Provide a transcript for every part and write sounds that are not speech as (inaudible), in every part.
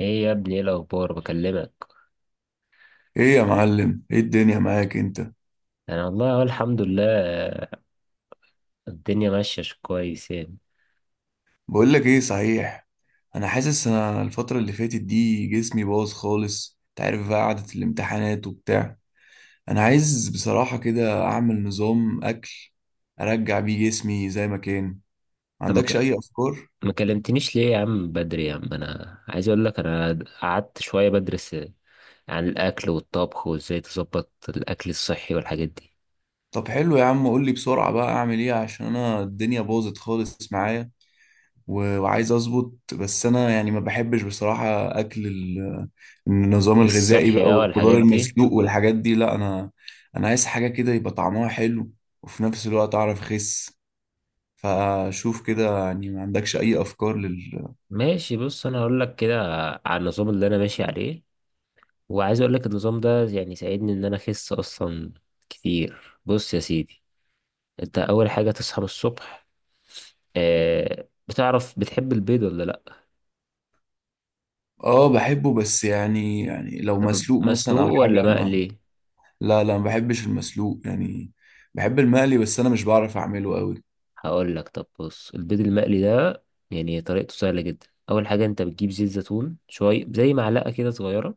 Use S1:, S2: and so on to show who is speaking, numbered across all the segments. S1: ايه يا ابني، ايه الاخبار؟ بكلمك.
S2: ايه يا معلم، ايه الدنيا معاك انت؟
S1: انا والله اقول الحمد لله، الدنيا ماشيه كويس يعني.
S2: بقول لك ايه صحيح. انا حاسس الفتره اللي فاتت دي جسمي باظ خالص، انت عارف بقى، قعده الامتحانات وبتاع. انا عايز بصراحه كده اعمل نظام اكل ارجع بيه جسمي زي ما كان. ما
S1: طب
S2: عندكش اي افكار؟
S1: ما كلمتنيش ليه يا عم؟ بدري يا عم. انا عايز اقول لك، انا قعدت شويه بدرس عن الاكل والطبخ وازاي تظبط الاكل الصحي والحاجات دي.
S2: طب حلو يا عم، قول لي بسرعه بقى اعمل ايه، عشان انا الدنيا باظت خالص معايا. وعايز اظبط، بس انا يعني ما بحبش بصراحة اكل النظام الغذائي
S1: الصحي
S2: بقى
S1: بقى
S2: والخضار
S1: والحاجات دي.
S2: المسلوق والحاجات دي. لا انا عايز حاجة كده يبقى طعمها حلو، وفي نفس الوقت اعرف اخس. فشوف كده يعني، ما عندكش اي افكار لل؟
S1: ماشي، بص انا هقول لك كده على النظام اللي انا ماشي عليه، وعايز اقول لك النظام ده يعني ساعدني ان انا اخس اصلا كتير. بص يا سيدي، انت اول حاجه تصحى من الصبح. آه، بتعرف بتحب البيض ولا لا؟
S2: اه بحبه، بس يعني لو
S1: طب
S2: مسلوق
S1: مسلوق
S2: مثلا او
S1: ولا
S2: حاجة ما...
S1: مقلي؟
S2: لا لا، ما بحبش المسلوق يعني. بحب المقلي، بس انا مش بعرف اعمله قوي.
S1: هقول لك، طب بص البيض المقلي ده يعني طريقته سهله جدا. اول حاجه انت بتجيب زيت زيتون شويه، زي معلقه كده صغيره،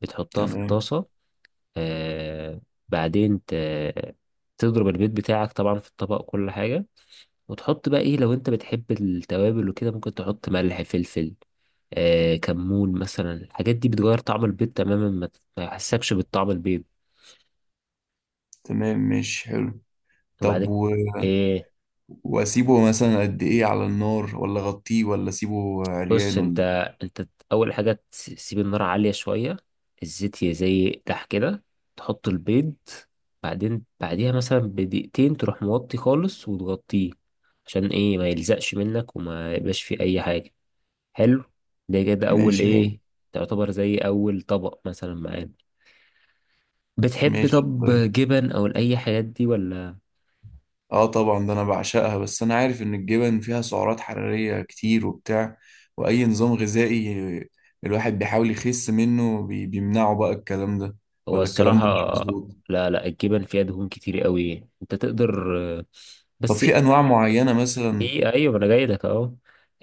S1: بتحطها في
S2: تمام.
S1: الطاسه. آه، بعدين تضرب البيض بتاعك طبعا في الطبق، كل حاجه. وتحط بقى ايه، لو انت بتحب التوابل وكده ممكن تحط ملح، فلفل، آه كمون مثلا. الحاجات دي بتغير طعم البيض تماما، ما ما يحسكش بالطعم البيض.
S2: تمام مش حلو.
S1: وبعد
S2: طب
S1: ايه،
S2: واسيبه مثلا قد ايه على النار، ولا اغطيه، ولا اسيبه
S1: بص
S2: عريان، ولا
S1: انت
S2: إيه؟
S1: انت اول حاجه تسيب النار عاليه شويه، الزيت يزيح كده، تحط البيض. بعدين بعديها مثلا بدقيقتين تروح موطي خالص وتغطيه. عشان ايه؟ ما يلزقش منك وما يبقاش فيه اي حاجه. حلو. ده كده اول
S2: ماشي
S1: ايه،
S2: حلو.
S1: تعتبر زي اول طبق مثلا معانا. بتحب
S2: ماشي
S1: طب
S2: طيب.
S1: جبن او اي حاجات دي ولا؟
S2: اه طبعا ده انا بعشقها، بس انا عارف ان الجبن فيها سعرات حرارية كتير وبتاع، واي نظام غذائي الواحد بيحاول يخس منه بيمنعه بقى الكلام ده،
S1: هو
S2: ولا الكلام
S1: الصراحه،
S2: ده مش مظبوط؟
S1: لا لا، الجبن فيها دهون كتير قوي. انت تقدر
S2: طب
S1: بس.
S2: في انواع معينة مثلا؟
S1: في، ايوه، ما انا جاي لك اهو.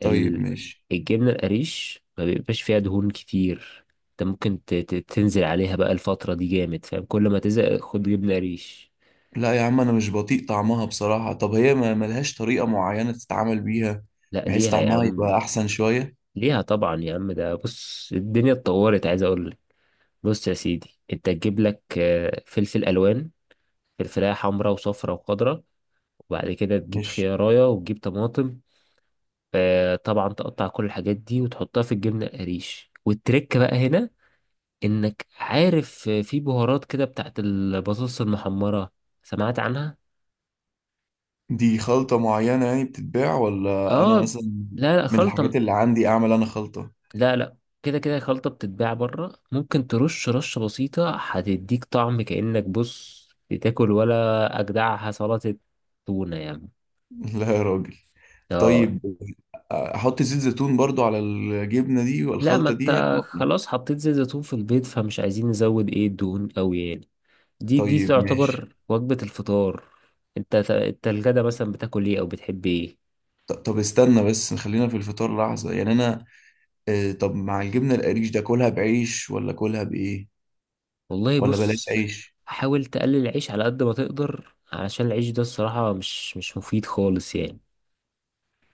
S2: طيب
S1: ال-
S2: ماشي.
S1: الجبنه القريش ما بيبقاش فيها دهون كتير. انت ممكن تنزل عليها بقى الفتره دي جامد، فاهم؟ كل ما تزهق خد جبنه قريش.
S2: لا يا عم، انا مش بطيق طعمها بصراحة. طب هي ما ملهاش طريقة معينة تتعامل بيها
S1: لا،
S2: بحيث
S1: ليها يا
S2: طعمها يبقى
S1: عم،
S2: احسن شوية؟
S1: ليها طبعا يا عم. ده بص الدنيا اتطورت، عايز اقول لك. بص يا سيدي، انت تجيب لك آه، فلفل الوان، فلفلايه حمراء وصفراء وخضراء، وبعد كده تجيب
S2: ماشي.
S1: خيارية وتجيب طماطم. آه، طبعا تقطع كل الحاجات دي وتحطها في الجبنه القريش. والتركه بقى هنا، انك عارف في بهارات كده بتاعت البطاطس المحمرة. سمعت عنها؟
S2: دي خلطة معينة يعني بتتباع، ولا أنا
S1: اه.
S2: مثلا
S1: لا لا،
S2: من
S1: خلطة.
S2: الحاجات اللي عندي أعمل أنا خلطة؟
S1: لا لا، كده كده خلطة بتتباع بره. ممكن ترش رشة بسيطة، هتديك طعم كأنك بص بتاكل ولا أجدعها سلطة تونة يعني.
S2: (laughs) لا يا راجل.
S1: اه.
S2: طيب. أحط زيت زيتون برضو على الجبنة دي
S1: لا، ما
S2: والخلطة دي
S1: انت
S2: يعني ولا؟
S1: خلاص حطيت زيت زيتون في البيت، فمش عايزين نزود ايه الدهون قوي يعني. دي
S2: طيب ماشي.
S1: تعتبر وجبة الفطار. انت الغدا مثلا بتاكل ايه او بتحب ايه؟
S2: طب استنى بس، خلينا في الفطار لحظة، يعني أنا، طب مع الجبنة القريش ده كلها بعيش ولا كلها بإيه،
S1: والله
S2: ولا بلاش
S1: بص،
S2: عيش؟
S1: حاول تقلل العيش على قد ما تقدر، علشان العيش ده الصراحة مش مفيد خالص يعني.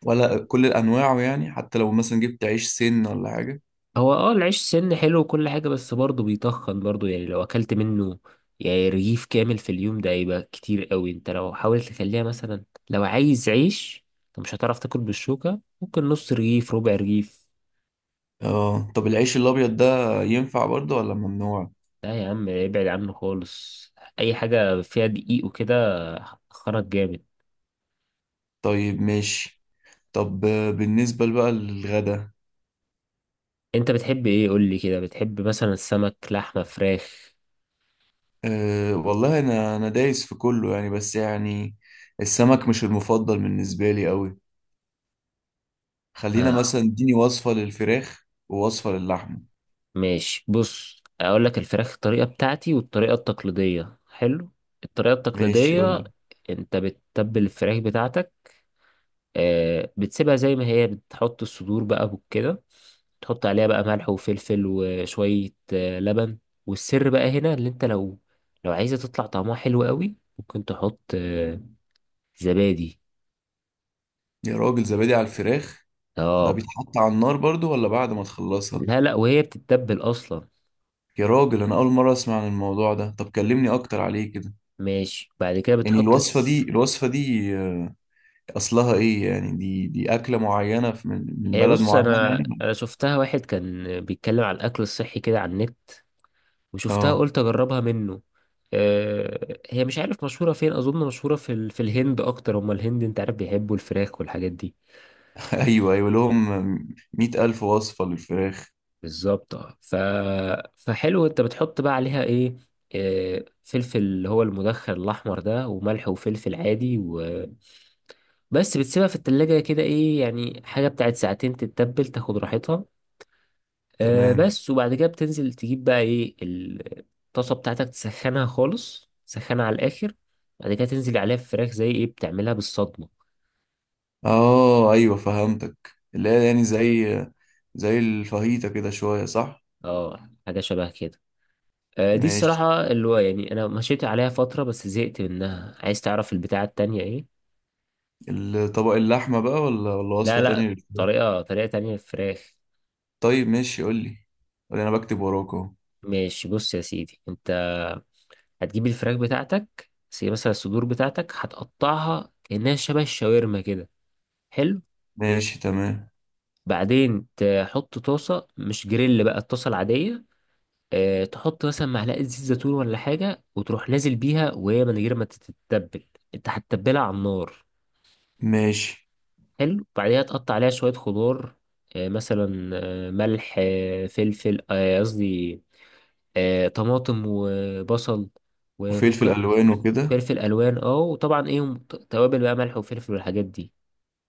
S2: ولا كل أنواعه يعني، حتى لو مثلا جبت عيش سن ولا حاجة؟
S1: هو اه، العيش سن حلو وكل حاجة، بس برضه بيتخن برضه. يعني لو أكلت منه يعني رغيف كامل في اليوم، ده هيبقى كتير قوي. انت لو حاولت تخليها مثلا، لو عايز عيش، انت مش هتعرف تاكل بالشوكة، ممكن نص رغيف، ربع رغيف.
S2: اه طب العيش الأبيض ده ينفع برضو ولا ممنوع؟
S1: لا يا عم، ابعد عنه خالص. أي حاجة فيها دقيق وكده هتخنك جامد.
S2: طيب ماشي. طب بالنسبة بقى للغدا،
S1: انت بتحب ايه؟ قولي كده، بتحب مثلا السمك، لحمة، فراخ؟
S2: أه والله أنا دايس في كله يعني، بس يعني السمك مش المفضل بالنسبة لي أوي. خلينا
S1: اه،
S2: مثلا اديني وصفة للفراخ ووصفة للحمة.
S1: ماشي. بص اقول لك الفراخ، الطريقه بتاعتي والطريقه التقليديه حلو. الطريقه
S2: ماشي
S1: التقليديه،
S2: قولي.
S1: انت بتتبل الفراخ بتاعتك، آه، بتسيبها زي ما هي، بتحط الصدور بقى كده، تحط عليها بقى ملح وفلفل وشويه آه لبن. والسر بقى هنا، اللي انت لو عايزه تطلع طعمها حلو قوي، ممكن تحط آه زبادي.
S2: يا راجل، زبادي على الفراخ؟ ده
S1: اه.
S2: بيتحط على النار برضو ولا بعد ما تخلصها؟
S1: لا لا، وهي بتتبل اصلا.
S2: يا راجل، أنا أول مرة أسمع عن الموضوع ده. طب كلمني أكتر عليه كده.
S1: ماشي، بعد كده
S2: يعني
S1: بتحط
S2: الوصفة دي الوصفة دي أصلها إيه يعني، دي أكلة معينة من
S1: هي
S2: بلد
S1: بص،
S2: معينة
S1: انا
S2: يعني؟
S1: انا شفتها واحد كان بيتكلم على الاكل الصحي كده على النت، وشفتها
S2: اه
S1: قلت اجربها منه. آه، هي مش عارف مشهوره فين، اظن مشهوره في الهند اكتر. هما الهند انت عارف بيحبوا الفراخ والحاجات دي.
S2: ايوه ايوه لهم، مئة الف وصفة للفراخ.
S1: بالظبط اه، فحلو. انت بتحط بقى عليها ايه؟ آه، فلفل اللي هو المدخن الاحمر ده، وملح وفلفل عادي وبس. بتسيبها في التلاجة كده ايه يعني، حاجه بتاعت ساعتين، تتبل تاخد راحتها. آه
S2: تمام.
S1: بس. وبعد كده بتنزل تجيب بقى ايه، الطاسة بتاعتك تسخنها خالص، تسخنها على الآخر. بعد كده تنزل عليها الفراخ زي ايه، بتعملها بالصدمة.
S2: اه ايوه فهمتك، اللي هي يعني زي الفاهيتا كده شوية صح؟
S1: اه حاجة شبه كده. آه، دي
S2: ماشي.
S1: الصراحة اللي هو يعني أنا مشيت عليها فترة بس زهقت منها. عايز تعرف البتاعة التانية ايه؟
S2: الطبق اللحمة بقى، ولا
S1: لا
S2: وصفة تانية
S1: لا،
S2: للفراخ؟
S1: طريقة تانية للفراخ.
S2: طيب ماشي قول لي. قول لي انا بكتب وراك اهو.
S1: ماشي، بص يا سيدي انت هتجيب الفراخ بتاعتك، زي مثلا الصدور بتاعتك هتقطعها كأنها شبه الشاورما كده. حلو.
S2: ماشي تمام.
S1: بعدين تحط طاسة، مش جريل بقى، الطاسة العادية. آه، تحط مثلا معلقة زيت زيتون ولا حاجة، وتروح نازل بيها وهي من غير ما تتبل، انت هتتبلها على النار.
S2: ماشي.
S1: حلو، بعديها تقطع عليها شوية خضار، آه، مثلا آه، ملح، آه، فلفل، آه، قصدي آه، طماطم وبصل.
S2: وفلفل
S1: وممكن
S2: الوان وكده.
S1: فلفل الوان، اه، وطبعا ايه، توابل بقى، ملح وفلفل والحاجات دي.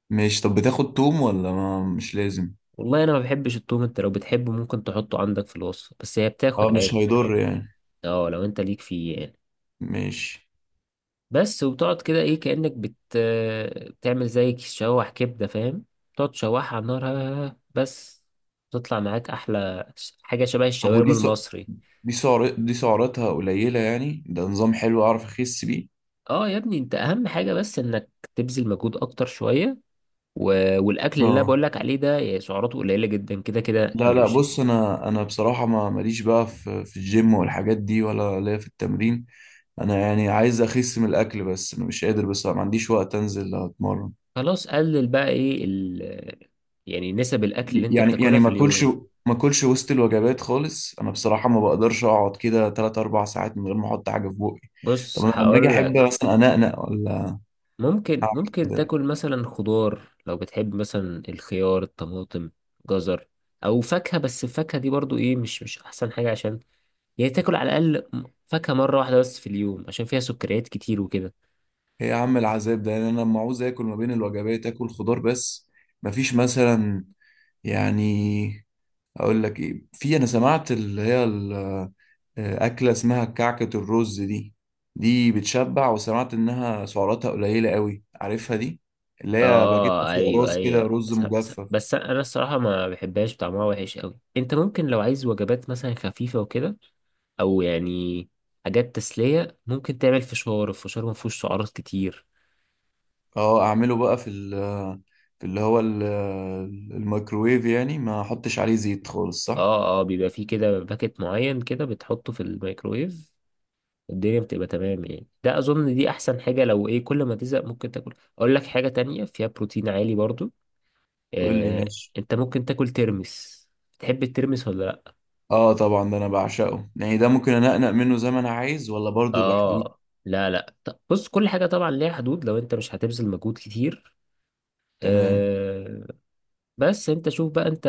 S2: ماشي طب بتاخد توم ولا ما مش لازم؟
S1: والله انا ما بحبش التوم. انت لو بتحبه ممكن تحطه عندك في الوصفة، بس هي
S2: اه
S1: بتاخد
S2: مش
S1: عادي.
S2: هيضر يعني.
S1: اه لو انت ليك فيه يعني.
S2: ماشي.
S1: بس. وبتقعد كده ايه، كأنك بتعمل زي تشوح كبدة، فاهم؟ تقعد تشوحها على النار بس. تطلع معاك احلى حاجة شبه
S2: طب
S1: الشاورما
S2: ودي سع...
S1: المصري.
S2: دي سعر... دي سعراتها قليلة يعني، ده نظام حلو اعرف اخس بيه؟
S1: اه يا ابني، انت اهم حاجة بس انك تبذل مجهود اكتر شوية و... والاكل اللي انا
S2: اه
S1: بقول لك عليه ده يعني سعراته قليلة جدا. كده كده
S2: لا
S1: لو
S2: لا
S1: مش.
S2: بص، انا بصراحه ما ماليش بقى في الجيم والحاجات دي، ولا ليا في التمرين. انا يعني عايز اخس من الاكل، بس انا مش قادر، بس ما عنديش وقت انزل اتمرن.
S1: خلاص، قلل بقى ايه يعني نسب الاكل اللي انت
S2: يعني
S1: بتاكلها
S2: يعني
S1: في
S2: ما اكلش.
S1: اليوم.
S2: ما اكلش وسط الوجبات خالص، انا بصراحه ما بقدرش اقعد كده 3 4 ساعات من غير ما احط حاجه في بقي. طب
S1: بص
S2: انا لما اجي
S1: هقول.
S2: احب مثلا انقنق ولا
S1: ممكن
S2: اعمل
S1: ممكن
S2: كده.
S1: تاكل مثلا خضار، لو بتحب مثلا الخيار، الطماطم، جزر، او فاكهة. بس الفاكهة دي برضو ايه، مش احسن حاجة، عشان يعني تاكل على الاقل فاكهة مرة واحدة بس في اليوم، عشان فيها سكريات كتير وكده.
S2: ايه يا عم العذاب ده يعني؟ انا لما عاوز اكل ما بين الوجبات اكل خضار بس، مفيش مثلا يعني؟ اقول لك ايه، في انا سمعت اللي هي اكله اسمها كعكه الرز دي. دي بتشبع، وسمعت انها سعراتها قليله قوي. عارفها دي؟ اللي هي باكيت
S1: اه
S2: فيه
S1: ايوه
S2: رز كده،
S1: ايوه،
S2: رز مجفف.
S1: بس انا الصراحة ما بحبهاش، طعمها وحش قوي. انت ممكن لو عايز وجبات مثلا خفيفة وكده، او يعني حاجات تسلية، ممكن تعمل فشار. الفشار ما فيهوش سعرات كتير.
S2: اه اعمله بقى في ال آه، في اللي هو ال- آه، الميكروويف يعني، ما احطش عليه زيت خالص صح؟
S1: اه اه، بيبقى فيه كده باكت معين كده بتحطه في الميكرويف، الدنيا بتبقى تمام يعني. ده اظن دي احسن حاجة. لو ايه كل ما تزهق، ممكن تاكل، اقول لك حاجة تانية فيها بروتين عالي برضو،
S2: قول لي
S1: آه،
S2: ماشي.
S1: انت ممكن تاكل ترمس. تحب الترمس ولا لا؟
S2: اه طبعا ده انا بعشقه يعني، ده ممكن انقنق منه زي ما انا عايز ولا برضه بحدود؟
S1: اه لا لا، طب بص كل حاجة طبعا ليها حدود، لو انت مش هتبذل مجهود كتير.
S2: تمام.
S1: آه بس. انت شوف بقى، انت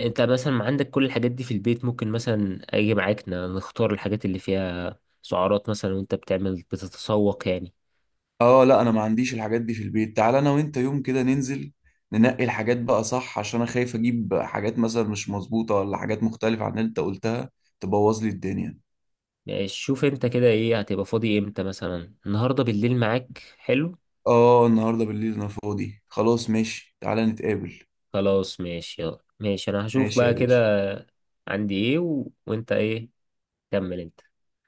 S1: انت مثلا عندك كل الحاجات دي في البيت؟ ممكن مثلا اجي معاك نختار الحاجات اللي فيها سعرات مثلا، وانت بتعمل بتتسوق يعني.
S2: اه لا، انا ما عنديش الحاجات دي في البيت، تعال انا وانت يوم كده ننزل ننقي الحاجات بقى صح، عشان انا خايف اجيب حاجات مثلا مش مظبوطة ولا حاجات مختلفة عن اللي انت قلتها تبوظ لي الدنيا.
S1: يعني شوف انت كده، ايه هتبقى فاضي امتى؟ مثلا النهارده بالليل معاك حلو.
S2: اه النهاردة بالليل انا فاضي خلاص، ماشي تعال نتقابل.
S1: خلاص ماشي، يلا ماشي، انا هشوف
S2: ماشي يا
S1: بقى
S2: باشا.
S1: كده. عندي ايه وانت ايه، كمل انت.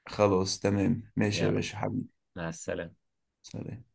S2: خلاص تمام ماشي يا
S1: يلا،
S2: باشا حبيبي.
S1: مع السلامة.
S2: سلام.